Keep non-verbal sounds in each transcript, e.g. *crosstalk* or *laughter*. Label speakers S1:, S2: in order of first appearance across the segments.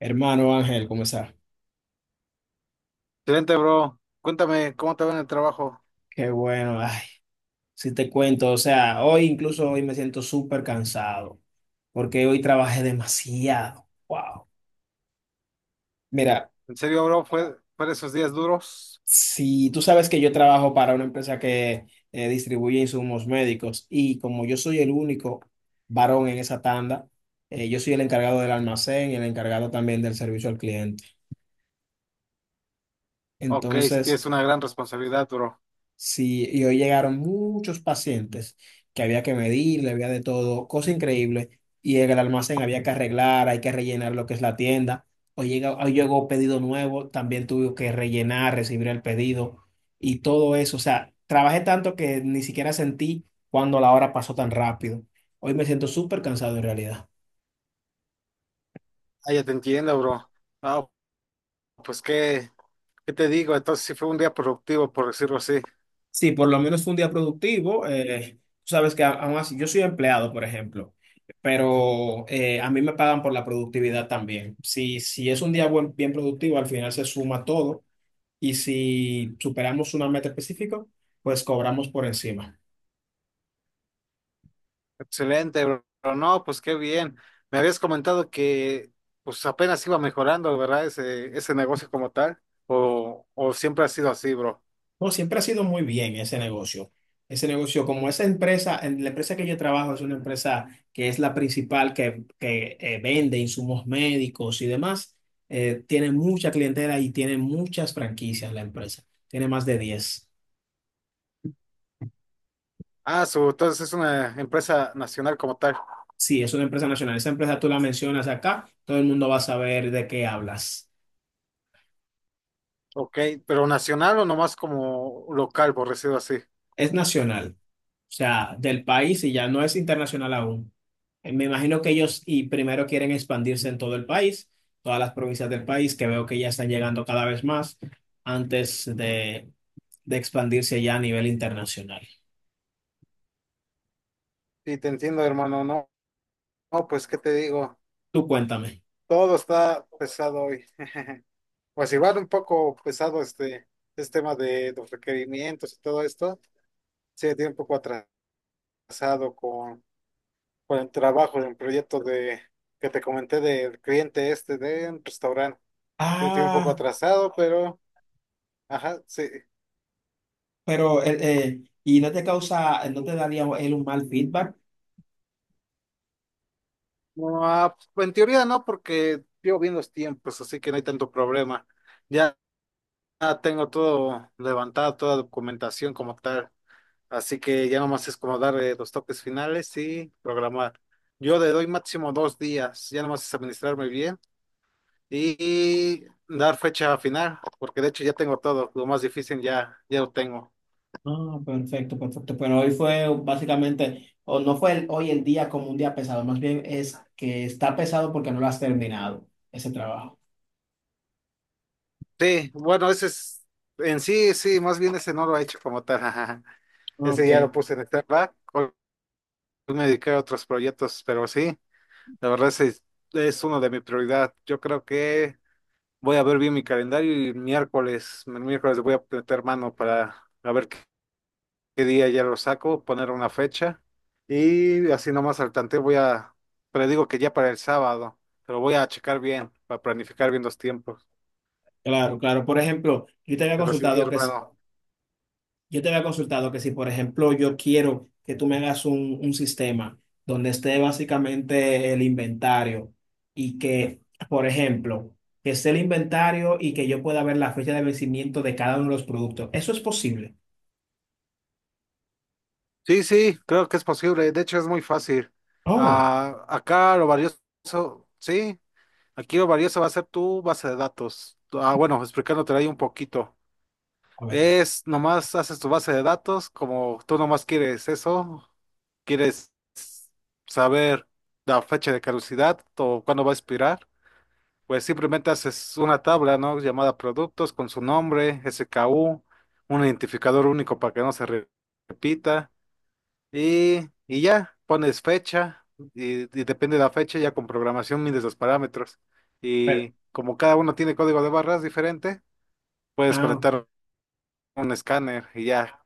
S1: Hermano Ángel, ¿cómo estás?
S2: Excelente, bro. Cuéntame, ¿cómo te va en el trabajo?
S1: Qué bueno, ay, si te cuento, o sea, hoy incluso hoy me siento súper cansado porque hoy trabajé demasiado. Wow. Mira,
S2: ¿En serio, bro? ¿Fue de esos días duros?
S1: si tú sabes que yo trabajo para una empresa que distribuye insumos médicos y como yo soy el único varón en esa tanda, yo soy el encargado del almacén y el encargado también del servicio al cliente.
S2: Ok, sí
S1: Entonces...
S2: tienes una gran responsabilidad, bro.
S1: Sí, y hoy llegaron muchos pacientes que había que medirle, había de todo, cosa increíble. Y en el almacén había que arreglar, hay que rellenar lo que es la tienda. Hoy llegó pedido nuevo, también tuve que rellenar, recibir el pedido y todo eso. O sea, trabajé tanto que ni siquiera sentí cuando la hora pasó tan rápido. Hoy me siento súper cansado en realidad.
S2: Ah, ya te entiendo, bro. Ah, pues ¿qué te digo? Entonces sí fue un día productivo, por decirlo así.
S1: Sí, por lo menos fue un día productivo. Tú sabes que aún así, yo soy empleado, por ejemplo, pero a mí me pagan por la productividad también. Si, si es un día bien productivo, al final se suma todo y si superamos una meta específica, pues cobramos por encima.
S2: Excelente, bro. No, pues qué bien. Me habías comentado que pues apenas iba mejorando, ¿verdad? Ese negocio como tal. O siempre ha sido así, bro.
S1: No, siempre ha sido muy bien ese negocio. Ese negocio, como esa empresa, en la empresa que yo trabajo es una empresa que es la principal que vende insumos médicos y demás, tiene mucha clientela y tiene muchas franquicias la empresa. Tiene más de 10.
S2: Ah, entonces es una empresa nacional como tal.
S1: Sí, es una empresa nacional. Esa empresa tú la mencionas acá, todo el mundo va a saber de qué hablas.
S2: Ok, pero nacional o nomás como local, por decirlo así.
S1: Es nacional. O sea, del país y ya no es internacional aún. Me imagino que ellos y primero quieren expandirse en todo el país, todas las provincias del país, que veo que ya están llegando cada vez más antes de expandirse ya a nivel internacional.
S2: Sí, te entiendo, hermano. No, no, pues qué te digo,
S1: Tú cuéntame.
S2: todo está pesado hoy. *laughs* Pues igual un poco pesado este tema de los requerimientos y todo esto. Sí, tiene un poco atrasado con el trabajo del proyecto de que te comenté del cliente este de un restaurante. Sí, me tiene un poco
S1: Ah,
S2: atrasado, pero ajá, sí.
S1: pero ¿y no te causa, no te daría él un mal feedback?
S2: No, pues, en teoría no, porque llevo bien los tiempos, así que no hay tanto problema. Ya tengo todo levantado, toda documentación como tal. Así que ya nomás es como dar los toques finales y programar. Yo le doy máximo dos días, ya nomás es administrarme bien y, dar fecha final, porque de hecho ya tengo todo, lo más difícil ya lo tengo.
S1: Ah, perfecto, perfecto. Pero hoy fue básicamente, o no fue hoy el día como un día pesado, más bien es que está pesado porque no lo has terminado, ese trabajo.
S2: Sí, bueno, ese es, en sí, sí, más bien ese no lo he hecho como tal, *laughs* ajá.
S1: Ah,
S2: Ese
S1: ok,
S2: ya lo puse en back. Hoy me dediqué a otros proyectos, pero sí, la verdad ese es, uno de mi prioridad. Yo creo que voy a ver bien mi calendario y el miércoles le voy a meter mano para a ver qué día ya lo saco, poner una fecha y así nomás al tanteo voy a, pero digo que ya para el sábado, pero voy a checar bien, para planificar bien los tiempos.
S1: claro, claro. Por ejemplo, yo te había
S2: Pero sí,
S1: consultado que,
S2: hermano.
S1: yo te había consultado que si, por ejemplo, yo quiero que tú me hagas un sistema donde esté básicamente el inventario y que, por ejemplo, que esté el inventario y que yo pueda ver la fecha de vencimiento de cada uno de los productos. ¿Eso es posible?
S2: Sí, sí, creo que es posible, de hecho es muy fácil.
S1: Oh,
S2: Ah, acá lo valioso, sí, aquí lo valioso va a ser tu base de datos. Ah, bueno, explicándote ahí un poquito.
S1: a ver.
S2: Es nomás haces tu base de datos, como tú nomás quieres eso, quieres saber la fecha de caducidad o cuándo va a expirar, pues simplemente haces una tabla, ¿no? Llamada productos con su nombre, SKU, un identificador único para que no se repita y ya pones fecha y depende de la fecha, ya con programación mides los parámetros
S1: Pero,
S2: y como cada uno tiene código de barras diferente, puedes
S1: ah, ok.
S2: conectar un escáner y ya.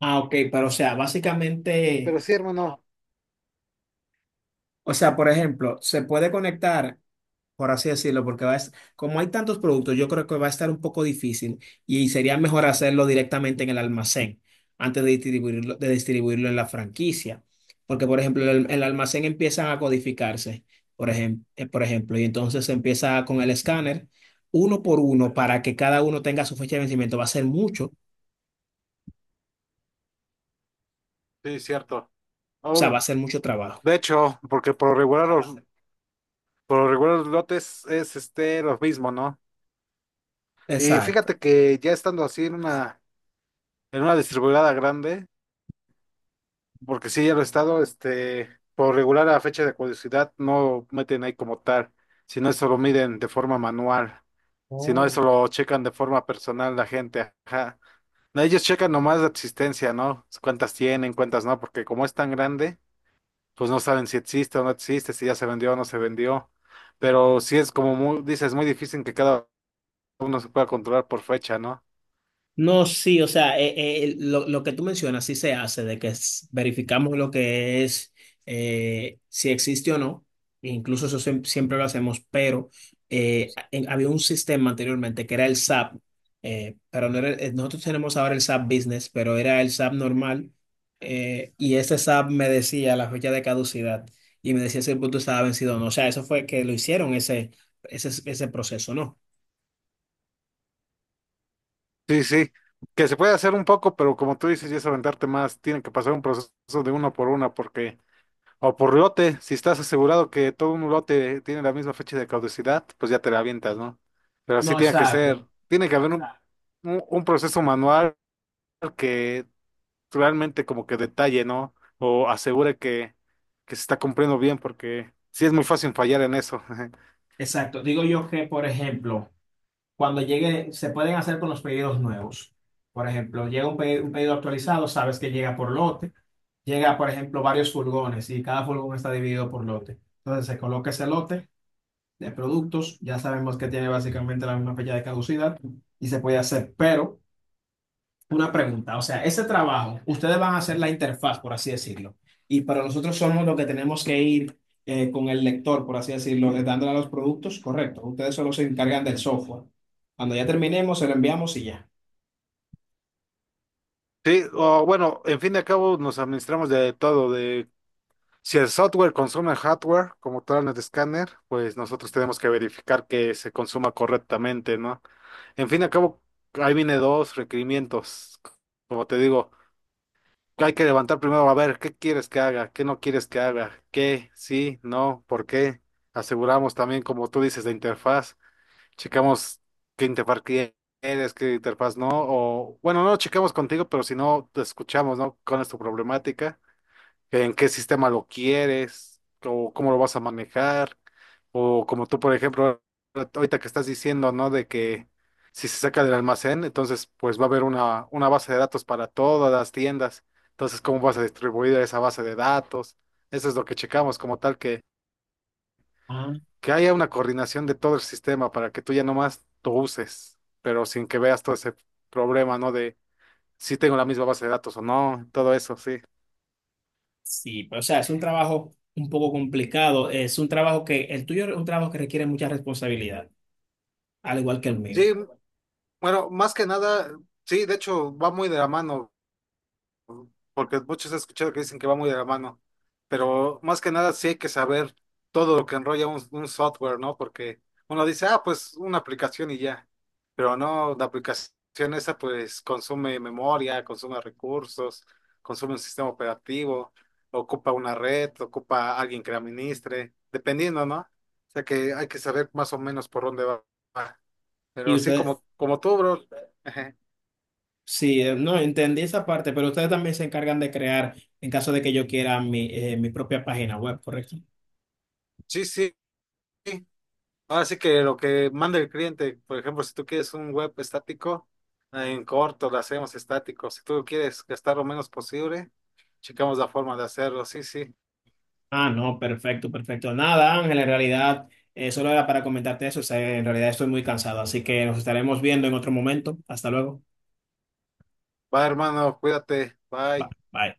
S1: Ah, ok, pero o sea, básicamente,
S2: Pero sí, hermano.
S1: o sea, por ejemplo, se puede conectar, por así decirlo, porque como hay tantos productos, yo creo que va a estar un poco difícil y sería mejor hacerlo directamente en el almacén antes de distribuirlo en la franquicia. Porque, por ejemplo, el almacén empiezan a codificarse, por ejemplo, por ejemplo, y entonces se empieza con el escáner uno por uno para que cada uno tenga su fecha de vencimiento. Va a ser mucho, o
S2: Sí, cierto.
S1: sea, va
S2: Oh,
S1: a ser mucho trabajo.
S2: de hecho, porque por lo regular los, por lo regular los lotes es este lo mismo, ¿no? Y
S1: Exacto.
S2: fíjate que ya estando así en una distribuidora grande, porque sí ya lo he estado, este, por lo regular a fecha de caducidad no meten ahí como tal, sino eso lo miden de forma manual, sino eso
S1: Oh.
S2: lo checan de forma personal la gente, ajá. No, ellos checan nomás la existencia, ¿no? Cuántas tienen, cuántas no, porque como es tan grande, pues no saben si existe o no existe, si ya se vendió o no se vendió. Pero sí es como muy, dices, muy difícil que cada uno se pueda controlar por fecha, ¿no?
S1: No, sí, o sea, lo que tú mencionas sí se hace, de que verificamos lo que es, si existe o no, e incluso eso siempre lo hacemos, pero había un sistema anteriormente que era el SAP, pero no era, nosotros tenemos ahora el SAP Business, pero era el SAP normal, y ese SAP me decía la fecha de caducidad y me decía si el producto estaba vencido o no, o sea, eso fue que lo hicieron ese proceso, ¿no?
S2: Sí, sí, que se puede hacer un poco, pero como tú dices, ya es aventarte más, tiene que pasar un proceso de uno por una, porque, o por lote, si estás asegurado que todo un lote tiene la misma fecha de caducidad, pues ya te la avientas, ¿no? Pero sí
S1: No,
S2: tiene que ser,
S1: exacto,
S2: tiene que haber un proceso manual que realmente como que detalle, ¿no? O asegure que se está cumpliendo bien, porque sí es muy fácil fallar en eso. *laughs*
S1: exacto. Digo yo que, por ejemplo, cuando llegue, se pueden hacer con los pedidos nuevos. Por ejemplo, llega un pedido actualizado, sabes que llega por lote. Llega, por ejemplo, varios furgones y cada furgón está dividido por lote. Entonces se coloca ese lote de productos, ya sabemos que tiene básicamente la misma fecha de caducidad y se puede hacer, pero una pregunta, o sea, ese trabajo, ustedes van a hacer la interfaz, por así decirlo, y para nosotros somos los que tenemos que ir con el lector, por así decirlo, dándole a los productos, correcto. Ustedes solo se encargan del software. Cuando ya terminemos, se lo enviamos y ya.
S2: Sí, o bueno, en fin de al cabo nos administramos de todo, de si el software consume el hardware, como tal en el escáner, pues nosotros tenemos que verificar que se consuma correctamente, ¿no? En fin de al cabo, ahí viene dos requerimientos. Como te digo, hay que levantar primero a ver qué quieres que haga, qué no quieres que haga, qué, sí, no, por qué. Aseguramos también, como tú dices, de interfaz. Checamos qué interfaz quieres, qué interfaz no. O bueno, no lo checamos contigo, pero si no, te escuchamos, ¿no? ¿Cuál es tu problemática? En qué sistema lo quieres, o cómo lo vas a manejar, o como tú, por ejemplo, ahorita que estás diciendo, ¿no? De que si se saca del almacén, entonces pues va a haber una base de datos para todas las tiendas. Entonces, ¿cómo vas a distribuir esa base de datos? Eso es lo que checamos como tal, que,
S1: Ah,
S2: que haya una coordinación de todo el sistema para que tú ya nomás lo uses, pero sin que veas todo ese problema, ¿no? De si tengo la misma base de datos o no, todo eso, sí.
S1: sí, pero o sea, es un trabajo un poco complicado. Es un trabajo que, el tuyo es un trabajo que requiere mucha responsabilidad, al igual que el mío.
S2: Sí, bueno, más que nada, sí, de hecho va muy de la mano, porque muchos he escuchado que dicen que va muy de la mano, pero más que nada sí hay que saber todo lo que enrolla un software, ¿no? Porque uno dice, ah, pues una aplicación y ya, pero no, la aplicación esa pues consume memoria, consume recursos, consume un sistema operativo, ocupa una red, ocupa alguien que la administre, dependiendo, ¿no? O sea que hay que saber más o menos por dónde va.
S1: Y
S2: Pero sí,
S1: ustedes,
S2: como tú, bro. *laughs*
S1: sí, no, entendí esa parte, pero ustedes también se encargan de crear, en caso de que yo quiera mi, mi propia página web, ¿correcto?
S2: Sí, sí. Ahora sí que lo que manda el cliente, por ejemplo, si tú quieres un web estático, en corto lo hacemos estático. Si tú quieres gastar lo menos posible, checamos la forma de hacerlo. Sí, sí.
S1: Ah, no, perfecto, perfecto. Nada, Ángel, en realidad solo era para comentarte eso. O sea, en realidad estoy muy cansado, así que nos estaremos viendo en otro momento. Hasta luego.
S2: Va, hermano, cuídate. Bye.
S1: Bye.